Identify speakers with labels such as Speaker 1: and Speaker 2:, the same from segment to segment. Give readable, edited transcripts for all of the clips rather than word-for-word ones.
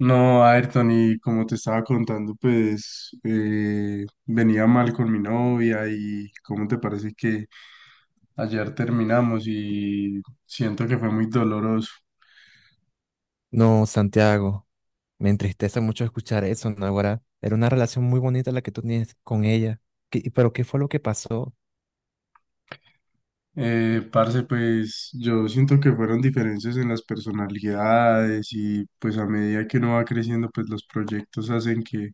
Speaker 1: No, Ayrton, y como te estaba contando, pues venía mal con mi novia y cómo te parece que ayer terminamos y siento que fue muy doloroso.
Speaker 2: No, Santiago, me entristece mucho escuchar eso, Naguará. Era una relación muy bonita la que tú tienes con ella. ¿Pero qué fue lo que pasó?
Speaker 1: Parce, pues yo siento que fueron diferencias en las personalidades y pues a medida que uno va creciendo, pues los proyectos hacen que,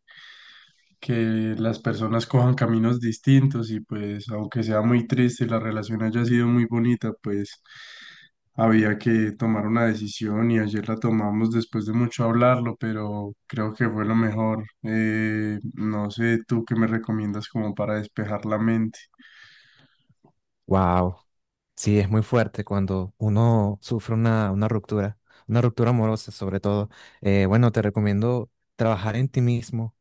Speaker 1: que las personas cojan caminos distintos y pues aunque sea muy triste y la relación haya sido muy bonita, pues había que tomar una decisión y ayer la tomamos después de mucho hablarlo, pero creo que fue lo mejor. No sé, tú qué me recomiendas como para despejar la mente.
Speaker 2: Wow, sí, es muy fuerte cuando uno sufre una ruptura, una ruptura amorosa sobre todo. Bueno, te recomiendo trabajar en ti mismo.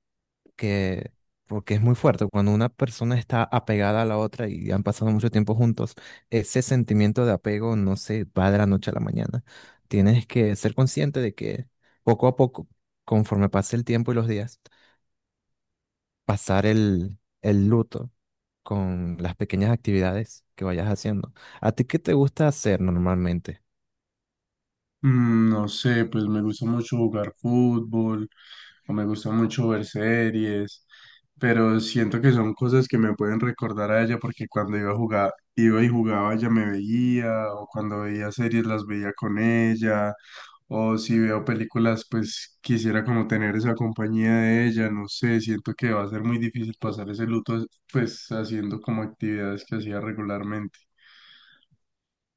Speaker 2: Que Porque es muy fuerte. Cuando una persona está apegada a la otra y han pasado mucho tiempo juntos, ese sentimiento de apego no se va de la noche a la mañana. Tienes que ser consciente de que poco a poco, conforme pase el tiempo y los días, pasar el luto con las pequeñas actividades que vayas haciendo. ¿A ti qué te gusta hacer normalmente?
Speaker 1: No sé, pues me gusta mucho jugar fútbol o me gusta mucho ver series, pero siento que son cosas que me pueden recordar a ella porque cuando iba a jugar, iba y jugaba, ella me veía, o cuando veía series las veía con ella, o si veo películas, pues quisiera como tener esa compañía de ella, no sé, siento que va a ser muy difícil pasar ese luto pues haciendo como actividades que hacía regularmente.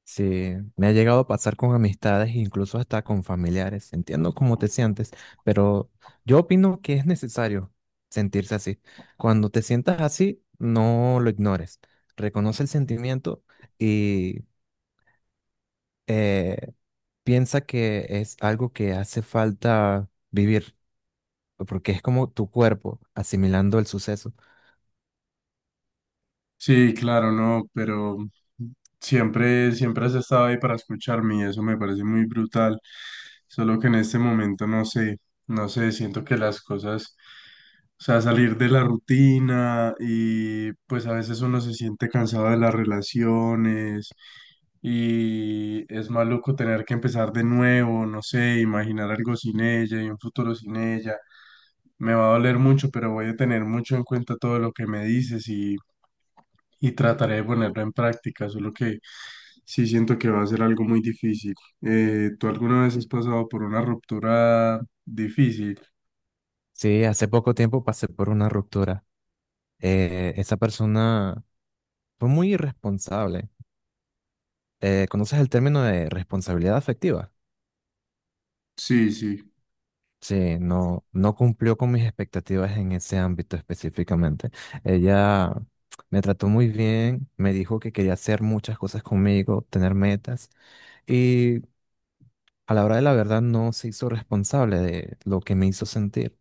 Speaker 2: Sí, me ha llegado a pasar con amistades, incluso hasta con familiares. Entiendo cómo te sientes, pero yo opino que es necesario sentirse así. Cuando te sientas así, no lo ignores. Reconoce el sentimiento y eh, piensa que es algo que hace falta vivir, porque es como tu cuerpo asimilando el suceso.
Speaker 1: Sí, claro, no, pero siempre has estado ahí para escucharme y eso me parece muy brutal. Solo que en este momento no sé, no sé, siento que las cosas, o sea, salir de la rutina y pues a veces uno se siente cansado de las relaciones. Y es maluco tener que empezar de nuevo, no sé, imaginar algo sin ella y un futuro sin ella. Me va a doler mucho, pero voy a tener mucho en cuenta todo lo que me dices y trataré de ponerlo en práctica, solo que sí siento que va a ser algo muy difícil. ¿Tú alguna vez has pasado por una ruptura difícil?
Speaker 2: Sí, hace poco tiempo pasé por una ruptura. Esa persona fue muy irresponsable. ¿Conoces el término de responsabilidad afectiva?
Speaker 1: Sí, sí.
Speaker 2: Sí, no cumplió con mis expectativas en ese ámbito específicamente. Ella me trató muy bien, me dijo que quería hacer muchas cosas conmigo, tener metas, y a la hora de la verdad no se hizo responsable de lo que me hizo sentir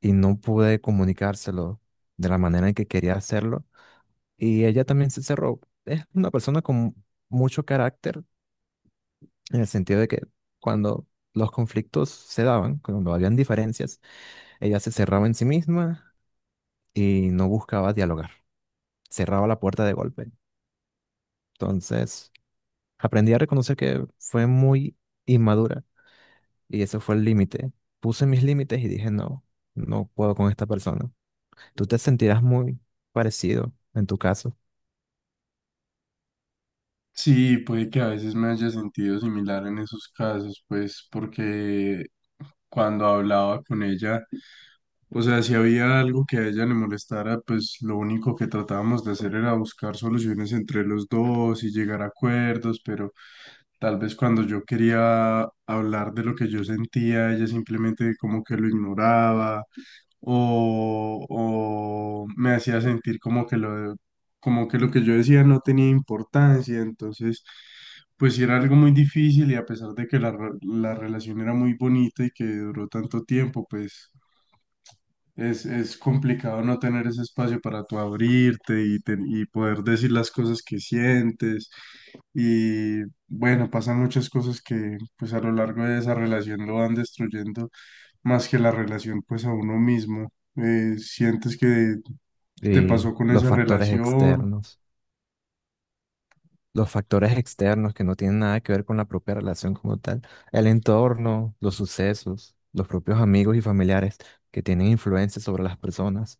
Speaker 2: y no pude comunicárselo de la manera en que quería hacerlo. Y ella también se cerró. Es una persona con mucho carácter, en el sentido de que cuando los conflictos se daban, cuando habían diferencias, ella se cerraba en sí misma y no buscaba dialogar, cerraba la puerta de golpe. Entonces, aprendí a reconocer que fue muy inmadura y ese fue el límite. Puse mis límites y dije, no, no puedo con esta persona. Tú te sentirás muy parecido en tu caso
Speaker 1: Sí, puede que a veces me haya sentido similar en esos casos, pues porque cuando hablaba con ella, o sea, si había algo que a ella le molestara, pues lo único que tratábamos de hacer era buscar soluciones entre los dos y llegar a acuerdos, pero tal vez cuando yo quería hablar de lo que yo sentía, ella simplemente como que lo ignoraba o me hacía sentir como que como que lo que yo decía no tenía importancia, entonces pues sí era algo muy difícil y a pesar de que la relación era muy bonita y que duró tanto tiempo, pues es complicado no tener ese espacio para tú abrirte y poder decir las cosas que sientes y bueno, pasan muchas cosas que pues a lo largo de esa relación lo van destruyendo más que la relación pues a uno mismo. ¿Sientes que te
Speaker 2: y
Speaker 1: pasó con
Speaker 2: los
Speaker 1: esa
Speaker 2: factores
Speaker 1: relación?
Speaker 2: externos. Los factores externos que no tienen nada que ver con la propia relación como tal, el entorno, los sucesos, los propios amigos y familiares, que tienen influencia sobre las personas,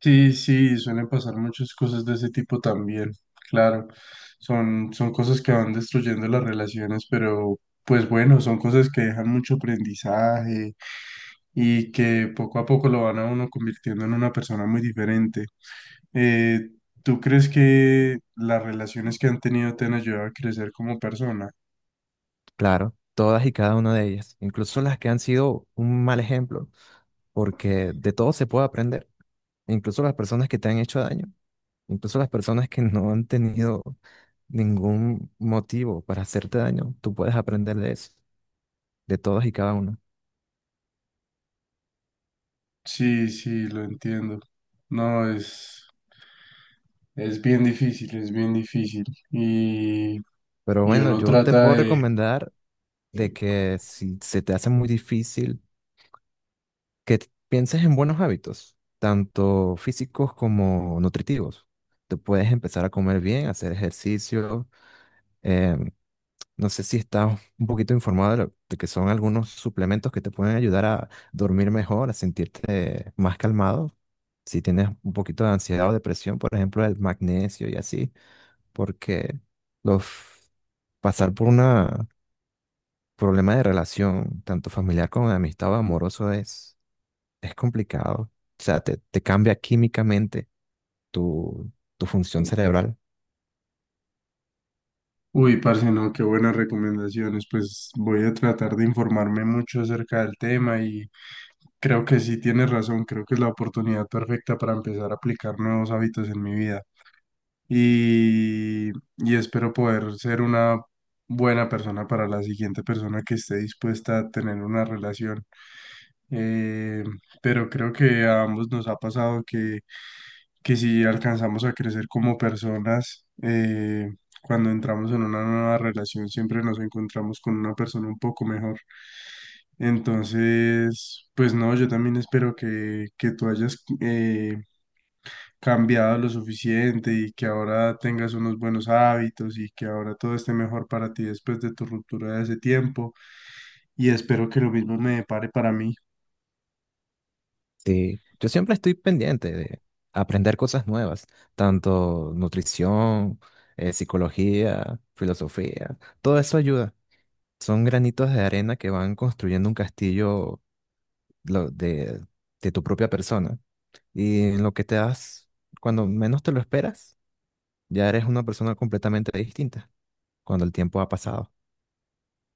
Speaker 1: Sí, sí, suelen pasar muchas cosas de ese tipo también, claro. Son cosas que van destruyendo las relaciones, pero pues bueno, son cosas que dejan mucho aprendizaje y que poco a poco lo van a uno convirtiendo en una persona muy diferente. Eh, ¿Tú crees que las relaciones que han tenido te han ayudado a crecer como persona?
Speaker 2: claro, todas y cada una de ellas, incluso las que han sido un mal ejemplo, porque de todo se puede aprender, incluso las personas que te han hecho daño, incluso las personas que no han tenido ningún motivo para hacerte daño, tú puedes aprender de eso, de todas y cada una.
Speaker 1: Sí, sí, lo entiendo. No, es bien difícil, es bien difícil. Y,
Speaker 2: Pero
Speaker 1: y
Speaker 2: bueno,
Speaker 1: uno
Speaker 2: yo te
Speaker 1: trata
Speaker 2: puedo
Speaker 1: de...
Speaker 2: recomendar de que si se te hace muy difícil, que pienses en buenos hábitos, tanto físicos como nutritivos. Te puedes empezar a comer bien, hacer ejercicio. em, no sé si estás un poquito informado de, de que son algunos suplementos que te pueden ayudar a dormir mejor, a sentirte más calmado. Si tienes un poquito de ansiedad o depresión, por ejemplo, el magnesio y así, porque los pasar por una problema de relación, tanto familiar como de amistad o amoroso, es complicado. O sea, te cambia químicamente tu, tu función cerebral.
Speaker 1: Uy, parce, no, qué buenas recomendaciones. Pues voy a tratar de informarme mucho acerca del tema y creo que sí tienes razón, creo que es la oportunidad perfecta para empezar a aplicar nuevos hábitos en mi vida. Y, y espero poder ser una buena persona para la siguiente persona que esté dispuesta a tener una relación. Eh, pero creo que a ambos nos ha pasado que si alcanzamos a crecer como personas, cuando entramos en una nueva relación siempre nos encontramos con una persona un poco mejor. Entonces, pues no, yo también espero que tú hayas cambiado lo suficiente y que ahora tengas unos buenos hábitos y que ahora todo esté mejor para ti después de tu ruptura de ese tiempo. Y espero que lo mismo me depare para mí.
Speaker 2: Sí, yo siempre estoy pendiente de aprender cosas nuevas, tanto nutrición, psicología, filosofía, todo eso ayuda. Son granitos de arena que van construyendo un castillo lo- de, de tu propia persona. Y en lo que te das, cuando menos te lo esperas, ya eres una persona completamente distinta, cuando el tiempo ha pasado.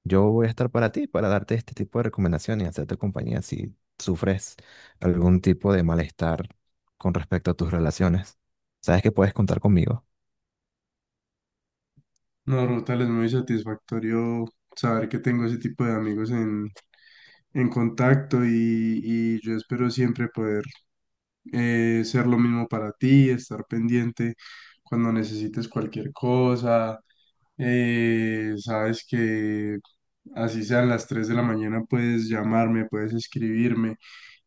Speaker 2: Yo voy a estar para ti, para darte este tipo de recomendaciones y hacerte compañía si sufres algún tipo de malestar con respecto a tus relaciones. Sabes que puedes contar conmigo.
Speaker 1: No, Rotal, es muy satisfactorio saber que tengo ese tipo de amigos en contacto y yo espero siempre poder ser lo mismo para ti, estar pendiente cuando necesites cualquier cosa. Sabes que así sean las 3 de la mañana, puedes llamarme, puedes escribirme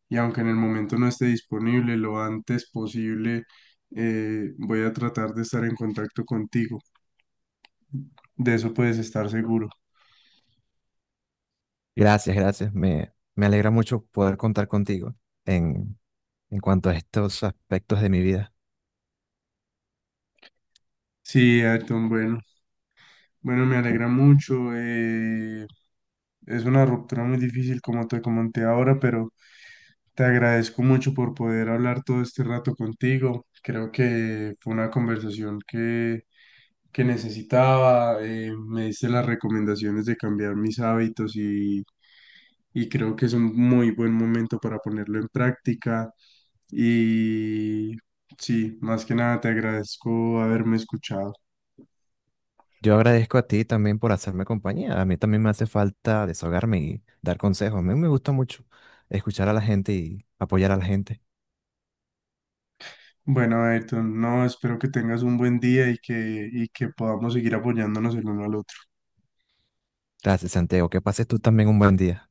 Speaker 1: y aunque en el momento no esté disponible, lo antes posible, voy a tratar de estar en contacto contigo. De eso puedes estar seguro.
Speaker 2: Gracias, gracias. Me alegra mucho poder contar contigo en, en cuanto a estos aspectos de mi vida.
Speaker 1: Sí, Ayrton, bueno, me alegra mucho. Es una ruptura muy difícil, como te comenté ahora, pero te agradezco mucho por poder hablar todo este rato contigo. Creo que fue una conversación que necesitaba. Me diste las recomendaciones de cambiar mis hábitos y creo que es un muy buen momento para ponerlo en práctica. Y sí, más que nada te agradezco haberme escuchado.
Speaker 2: Yo agradezco a ti también por hacerme compañía. A mí también me hace falta desahogarme y dar consejos. A mí me gusta mucho escuchar a la gente y apoyar a la gente.
Speaker 1: Bueno, Ayrton, no, espero que tengas un buen día y y que podamos seguir apoyándonos el uno al otro.
Speaker 2: Gracias, Santiago. Que pases tú también un buen día.